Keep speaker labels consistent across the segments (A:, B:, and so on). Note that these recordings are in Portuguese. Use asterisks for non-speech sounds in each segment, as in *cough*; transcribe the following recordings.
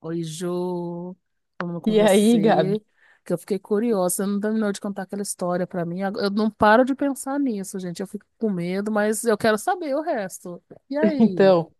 A: Oi, Jô, falando com
B: E aí,
A: você,
B: Gabi?
A: que eu fiquei curiosa, você não terminou de contar aquela história pra mim, eu não paro de pensar nisso, gente, eu fico com medo, mas eu quero saber o resto. E
B: *laughs*
A: aí?
B: Então,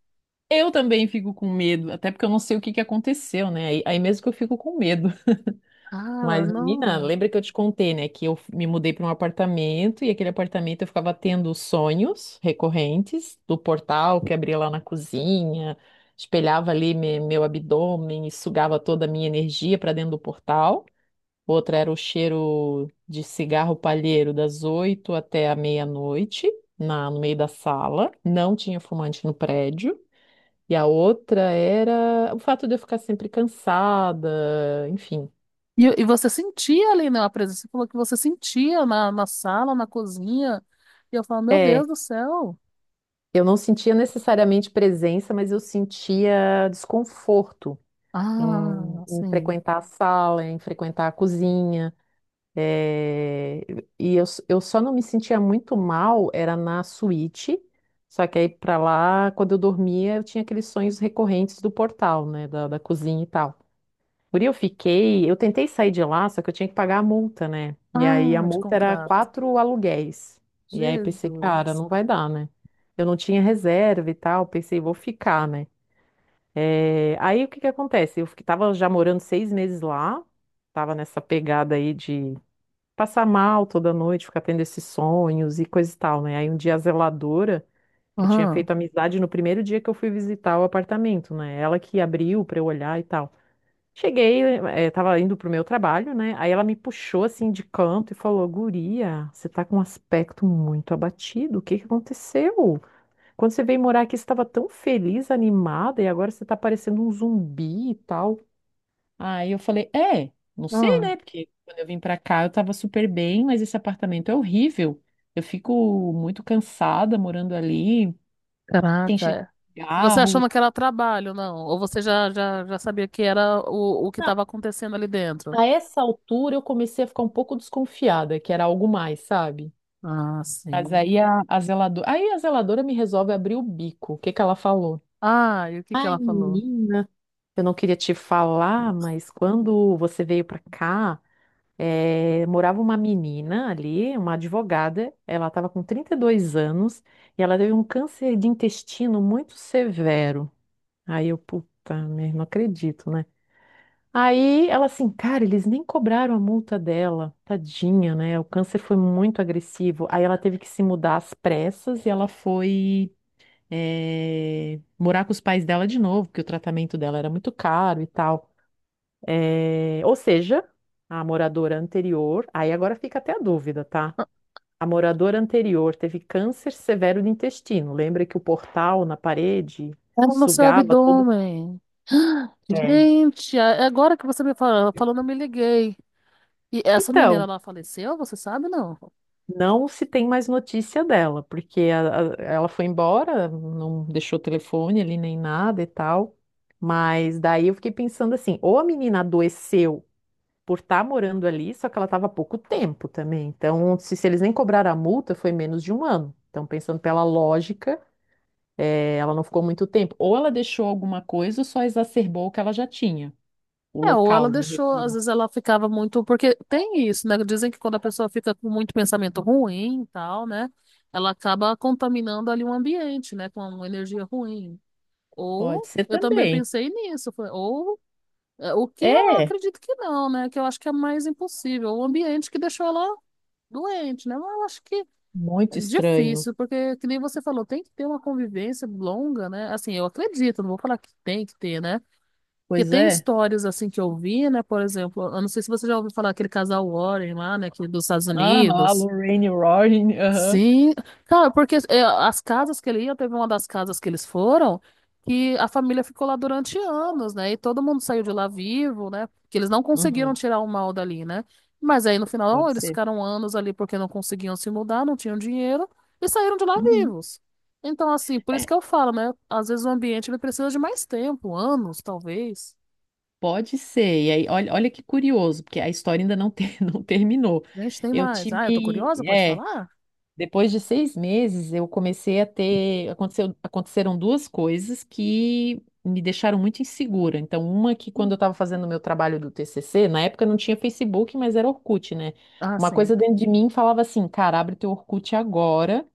B: eu também fico com medo, até porque eu não sei o que que aconteceu, né? Aí mesmo que eu fico com medo. *laughs*
A: Cara,
B: Mas, menina,
A: não.
B: lembra que eu te contei, né? Que eu me mudei para um apartamento e aquele apartamento eu ficava tendo sonhos recorrentes do portal que abria lá na cozinha, espelhava ali meu abdômen e sugava toda a minha energia para dentro do portal. Outra era o cheiro de cigarro palheiro das oito até a meia-noite, no meio da sala. Não tinha fumante no prédio. E a outra era o fato de eu ficar sempre cansada, enfim.
A: E você sentia ali, né, a presença, você falou que você sentia na sala, na cozinha, e eu falo, meu
B: É,
A: Deus do céu.
B: eu não sentia necessariamente presença, mas eu sentia desconforto em,
A: Ah,
B: em
A: sim.
B: frequentar a sala, em frequentar a cozinha. É, e eu, eu só não me sentia muito mal, era na suíte, só que aí pra lá, quando eu dormia, eu tinha aqueles sonhos recorrentes do portal, né, da cozinha e tal. Por aí eu fiquei, eu tentei sair de lá, só que eu tinha que pagar a multa, né? E aí a
A: Ah, de
B: multa era
A: contrato.
B: 4 aluguéis. E aí eu pensei, cara,
A: Jesus.
B: não vai dar, né? Eu não tinha reserva e tal, pensei, vou ficar, né? É, aí o que que acontece? Tava já morando 6 meses lá, tava nessa pegada aí de passar mal toda noite, ficar tendo esses sonhos e coisa e tal, né? Aí um dia a zeladora, que eu tinha
A: Aham,
B: feito amizade no primeiro dia que eu fui visitar o apartamento, né? Ela que abriu pra eu olhar e tal. Cheguei, tava indo pro meu trabalho, né? Aí ela me puxou assim de canto e falou: Guria, você tá com um aspecto muito abatido. O que que aconteceu? Quando você veio morar aqui, você estava tão feliz, animada, e agora você tá parecendo um zumbi e tal. Aí eu falei, é, não sei,
A: ah.
B: né? Porque quando eu vim pra cá eu tava super bem, mas esse apartamento é horrível. Eu fico muito cansada morando ali, tem cheiro
A: Caraca.
B: de
A: Você
B: cigarro.
A: achando que era trabalho, não? Ou você já, já, já sabia que era o que
B: Não,
A: estava acontecendo ali dentro?
B: a essa altura eu comecei a ficar um pouco desconfiada, que era algo mais, sabe?
A: Ah,
B: Mas
A: sim.
B: aí a zeladora me resolve abrir o bico. O que que ela falou?
A: Ah, e o que que
B: Ai,
A: ela falou?
B: menina, eu não queria te falar, mas quando você veio pra cá morava uma menina ali, uma advogada, ela estava com 32 anos e ela teve um câncer de intestino muito severo. Aí eu, puta, merda, não acredito, né? Aí ela assim, cara, eles nem cobraram a multa dela, tadinha, né? O câncer foi muito agressivo. Aí ela teve que se mudar às pressas e ela foi morar com os pais dela de novo, porque o tratamento dela era muito caro e tal. É, ou seja, a moradora anterior, aí agora fica até a dúvida, tá?
A: "Ah,
B: A moradora anterior teve câncer severo do intestino. Lembra que o portal na parede
A: era no seu
B: sugava toda.
A: abdômen.
B: É.
A: Gente, agora que você me falando, eu me liguei. E essa menina,
B: Então,
A: ela faleceu, você sabe, não?
B: não se tem mais notícia dela, porque ela foi embora, não deixou telefone ali nem nada e tal. Mas daí eu fiquei pensando assim, ou a menina adoeceu por estar morando ali, só que ela estava há pouco tempo também. Então, se eles nem cobraram a multa, foi menos de um ano. Então, pensando pela lógica, ela não ficou muito tempo. Ou ela deixou alguma coisa ou só exacerbou o que ela já tinha. O
A: É, ou ela
B: local, me
A: deixou, às
B: refiro.
A: vezes ela ficava muito, porque tem isso, né? Dizem que quando a pessoa fica com muito pensamento ruim e tal, né? Ela acaba contaminando ali o ambiente, né? Com uma energia ruim.
B: Pode
A: Ou
B: ser
A: eu também
B: também.
A: pensei nisso, ou é, o que eu
B: É,
A: acredito que não, né? Que eu acho que é mais impossível, o ambiente que deixou ela doente, né? Mas eu acho que é
B: muito estranho.
A: difícil, porque que nem você falou, tem que ter uma convivência longa, né? Assim, eu acredito, não vou falar que tem que ter, né? Porque
B: Pois
A: tem
B: é.
A: histórias assim que eu vi, né? Por exemplo, eu não sei se você já ouviu falar aquele casal Warren lá, né? Que dos Estados
B: Aham, a
A: Unidos.
B: Lorraine Warren. Aham.
A: Sim, cara, porque é, as casas que ele ia, teve uma das casas que eles foram, que a família ficou lá durante anos, né? E todo mundo saiu de lá vivo, né? Porque eles não conseguiram
B: Uhum.
A: tirar o mal dali, né? Mas aí no final
B: Pode
A: eles
B: ser.
A: ficaram anos ali porque não conseguiam se mudar, não tinham dinheiro e saíram de lá
B: Uhum.
A: vivos. Então, assim, por isso
B: É,
A: que eu falo, né? Às vezes o ambiente ele precisa de mais tempo, anos, talvez.
B: pode ser. E aí, olha, olha que curioso, porque a história ainda não, ter, *laughs* não terminou.
A: Gente, tem
B: Eu
A: mais. Ah, eu tô
B: tive,
A: curiosa, pode
B: é,
A: falar?
B: Depois de 6 meses, eu comecei a ter. Aconteceram duas coisas que me deixaram muito insegura. Então, uma que quando eu
A: Hum.
B: estava fazendo o meu trabalho do TCC, na época não tinha Facebook, mas era Orkut, né?
A: Ah,
B: Uma
A: sim.
B: coisa dentro de mim falava assim: cara, abre teu Orkut agora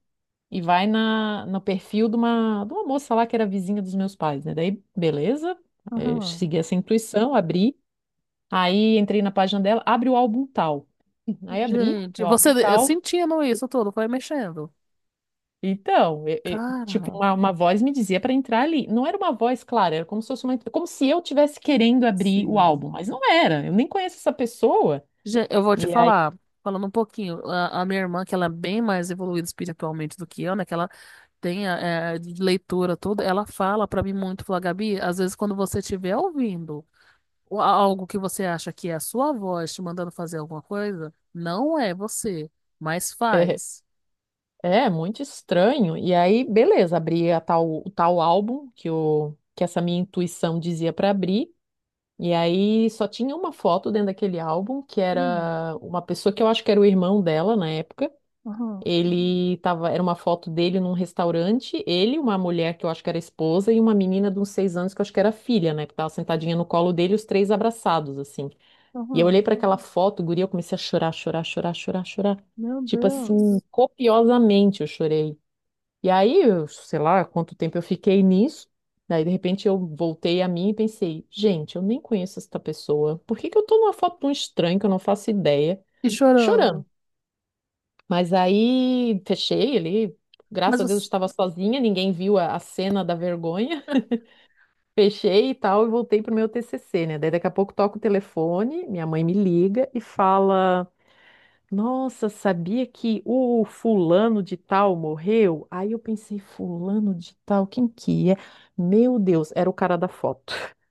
B: e vai na, no perfil de uma moça lá que era vizinha dos meus pais, né? Daí, beleza, segui essa intuição, abri. Aí entrei na página dela, abre o álbum tal. Aí abri
A: Gente,
B: o
A: você
B: álbum
A: eu
B: tal.
A: sentindo isso tudo, foi mexendo.
B: Então, tipo,
A: Cara,
B: uma voz me dizia para entrar ali. Não era uma voz, clara era como se fosse uma, como se eu tivesse querendo abrir o
A: sim.
B: álbum, mas não era. Eu nem conheço essa pessoa.
A: Gente, eu vou te
B: E aí,
A: falar, falando um pouquinho, a minha irmã, que ela é bem mais evoluída espiritualmente do que eu, né? Que ela tem a, é, de leitura, tudo, ela fala pra mim muito, fala, Gabi, às vezes quando você estiver ouvindo algo que você acha que é a sua voz te mandando fazer alguma coisa, não é você, mas
B: é,
A: faz.
B: é muito estranho. E aí, beleza, abri a tal, o tal álbum que o que essa minha intuição dizia para abrir. E aí só tinha uma foto dentro daquele álbum, que
A: Hum,
B: era uma pessoa que eu acho que era o irmão dela na época.
A: aham,
B: Ele tava, era uma foto dele num restaurante, ele, uma mulher que eu acho que era esposa, e uma menina de uns 6 anos que eu acho que era filha, né? Que tava sentadinha no colo dele, os três abraçados, assim. E eu olhei
A: aham,
B: para aquela foto, guria, eu comecei a chorar, chorar, chorar, chorar, chorar.
A: meu
B: Tipo assim,
A: Deus.
B: copiosamente eu chorei. E aí, eu, sei lá quanto tempo eu fiquei nisso. Daí, de repente, eu voltei a mim e pensei, gente, eu nem conheço esta pessoa. Por que que eu tô numa foto de um estranho que eu não faço ideia?
A: E chorando.
B: Chorando? Mas aí fechei ali.
A: Mas
B: Graças a Deus
A: você.
B: estava sozinha, ninguém viu a cena da vergonha. *laughs* Fechei e tal, e voltei pro meu TCC, né? Daí daqui a pouco toca o telefone, minha mãe me liga e fala: Nossa, sabia que o fulano de tal morreu? Aí eu pensei: Fulano de tal, quem que é? Meu Deus, era o cara da foto. *laughs*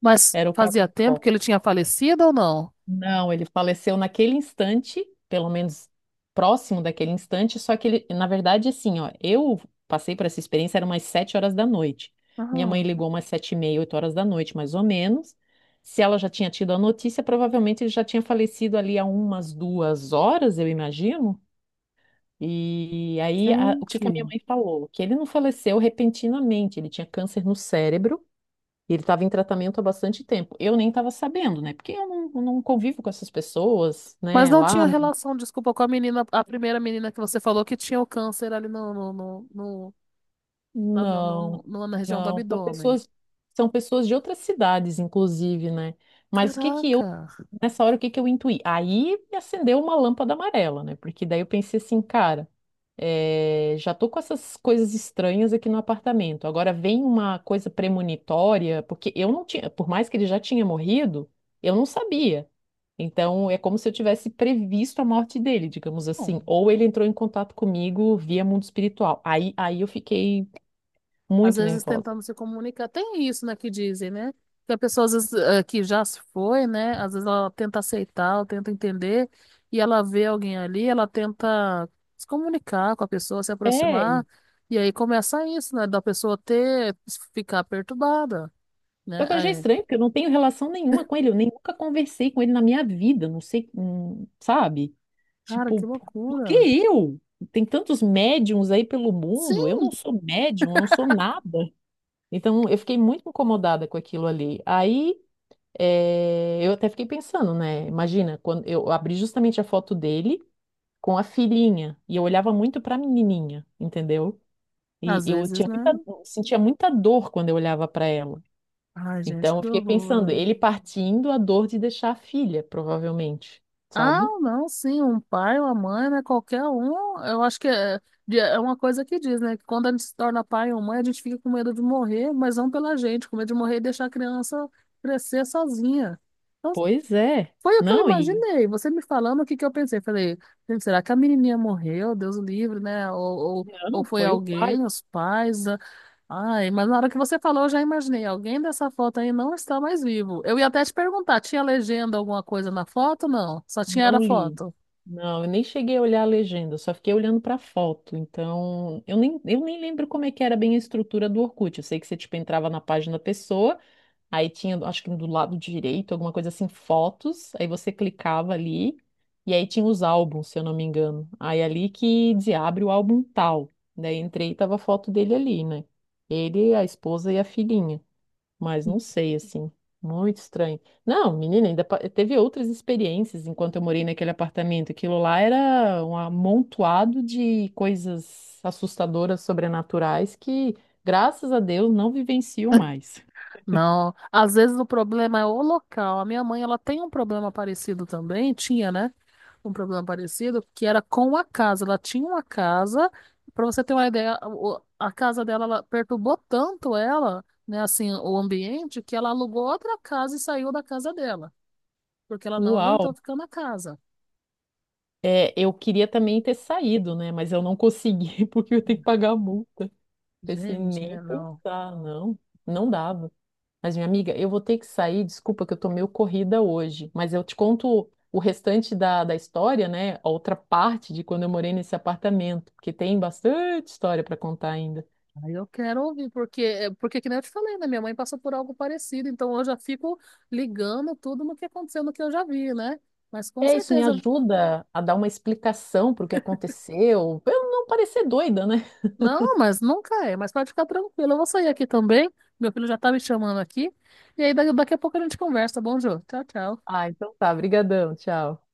A: Mas
B: Era o cara
A: fazia
B: da
A: tempo que
B: foto.
A: ele tinha falecido ou não?
B: Não, ele faleceu naquele instante, pelo menos próximo daquele instante, só que ele, na verdade, assim, ó, eu passei por essa experiência, era umas 7 horas da noite. Minha mãe
A: Ah,
B: ligou umas 7h30, 8 horas da noite, mais ou menos. Se ela já tinha tido a notícia, provavelmente ele já tinha falecido ali há umas 2 horas, eu imagino. E aí, o que que a minha
A: gente.
B: mãe falou? Que ele não faleceu repentinamente, ele tinha câncer no cérebro e ele estava em tratamento há bastante tempo. Eu nem estava sabendo, né? Porque eu não convivo com essas pessoas,
A: Mas
B: né?
A: não
B: Lá,
A: tinha relação, desculpa, com a menina, a primeira menina que você falou que tinha o câncer ali no, no, no, no- na, no-
B: não,
A: no- no- na região do
B: não.
A: abdômen.
B: São pessoas de outras cidades, inclusive, né? Mas o que que eu,
A: Caraca.
B: nessa hora, o que que eu intuí? Aí me acendeu uma lâmpada amarela, né? Porque daí eu pensei assim, cara, já tô com essas coisas estranhas aqui no apartamento. Agora vem uma coisa premonitória, porque eu não tinha, por mais que ele já tinha morrido, eu não sabia. Então, é como se eu tivesse previsto a morte dele, digamos assim. Ou ele entrou em contato comigo via mundo espiritual. Aí eu fiquei
A: Às
B: muito
A: vezes
B: nervosa.
A: tentando se comunicar. Tem isso, né, que dizem, né? Que a pessoa, às vezes, que já se foi, né? Às vezes ela tenta aceitar, ela tenta entender, e ela vê alguém ali, ela tenta se comunicar com a pessoa, se
B: É,
A: aproximar, e aí começa isso, né? Da pessoa ter, ficar perturbada,
B: só que eu achei
A: né? É.
B: estranho, porque eu não tenho relação nenhuma com ele. Eu nem nunca conversei com ele na minha vida. Não sei, sabe?
A: Cara,
B: Tipo,
A: que
B: por que
A: loucura.
B: eu? Tem tantos médiums aí pelo mundo. Eu
A: Sim,
B: não sou médium, eu não sou nada. Então, eu fiquei muito incomodada com aquilo ali. Aí. É, eu até fiquei pensando, né? Imagina, quando eu abri justamente a foto dele com a filhinha e eu olhava muito pra menininha, entendeu? E
A: às
B: eu
A: vezes, né?
B: sentia muita dor quando eu olhava pra ela.
A: Ai, gente,
B: Então, eu
A: que
B: fiquei pensando,
A: horror.
B: ele partindo a dor de deixar a filha, provavelmente,
A: Ah,
B: sabe?
A: não, sim, um pai, uma mãe, né? Qualquer um, eu acho que é, é uma coisa que diz, né? Que quando a gente se torna pai ou mãe, a gente fica com medo de morrer, mas não pela gente, com medo de morrer e deixar a criança crescer sozinha. Então,
B: Pois é.
A: foi o que eu
B: Não, e
A: imaginei. Você me falando, o que que eu pensei? Falei, gente, será que a menininha morreu? Deus o livre, né? Ou
B: não,
A: foi
B: foi o pai.
A: alguém, os pais? Ai, mas na hora que você falou, eu já imaginei. Alguém dessa foto aí não está mais vivo. Eu ia até te perguntar, tinha legenda alguma coisa na foto? Não, só tinha era
B: Não li.
A: foto.
B: Não, eu nem cheguei a olhar a legenda, só fiquei olhando para a foto. Então, eu nem lembro como é que era bem a estrutura do Orkut. Eu sei que você, tipo, entrava na página da pessoa, aí tinha, acho que do lado direito, alguma coisa assim, fotos, aí você clicava ali, e aí tinha os álbuns, se eu não me engano. Aí é ali que dizia, abre o álbum tal. Daí entrei e tava a foto dele ali, né? Ele, a esposa e a filhinha. Mas não sei, assim, muito estranho. Não, menina, teve outras experiências enquanto eu morei naquele apartamento. Aquilo lá era um amontoado de coisas assustadoras, sobrenaturais, que, graças a Deus, não vivencio mais.
A: Não, às vezes o problema é o local. A minha mãe, ela tem um problema parecido também, tinha, né? Um problema parecido, que era com a casa. Ela tinha uma casa, para você ter uma ideia, a casa dela ela perturbou tanto ela, né, assim, o ambiente, que ela alugou outra casa e saiu da casa dela, porque ela não
B: Uau!
A: aguentou ficar na casa.
B: É, eu queria também ter saído, né? Mas eu não consegui, *laughs* porque eu tenho que pagar a multa. Pensei,
A: Gente,
B: nem
A: é, não.
B: pensar, não. Não dava. Mas, minha amiga, eu vou ter que sair, desculpa que eu tô meio corrida hoje, mas eu te conto o restante da história, né? A outra parte de quando eu morei nesse apartamento, porque tem bastante história para contar ainda.
A: Aí eu quero ouvir, porque, é, porque que nem eu te falei, né? Minha mãe passou por algo parecido, então eu já fico ligando tudo no que aconteceu, no que eu já vi, né? Mas com
B: É, isso me
A: certeza
B: ajuda a dar uma explicação para o que aconteceu, pra eu não parecer doida, né?
A: não, mas nunca é. Mas pode ficar tranquilo. Eu vou sair aqui também. Meu filho já tá me chamando aqui. E aí, daqui a pouco a gente conversa. Bom, Jô. Tchau, tchau.
B: Ah, então tá, brigadão, tchau.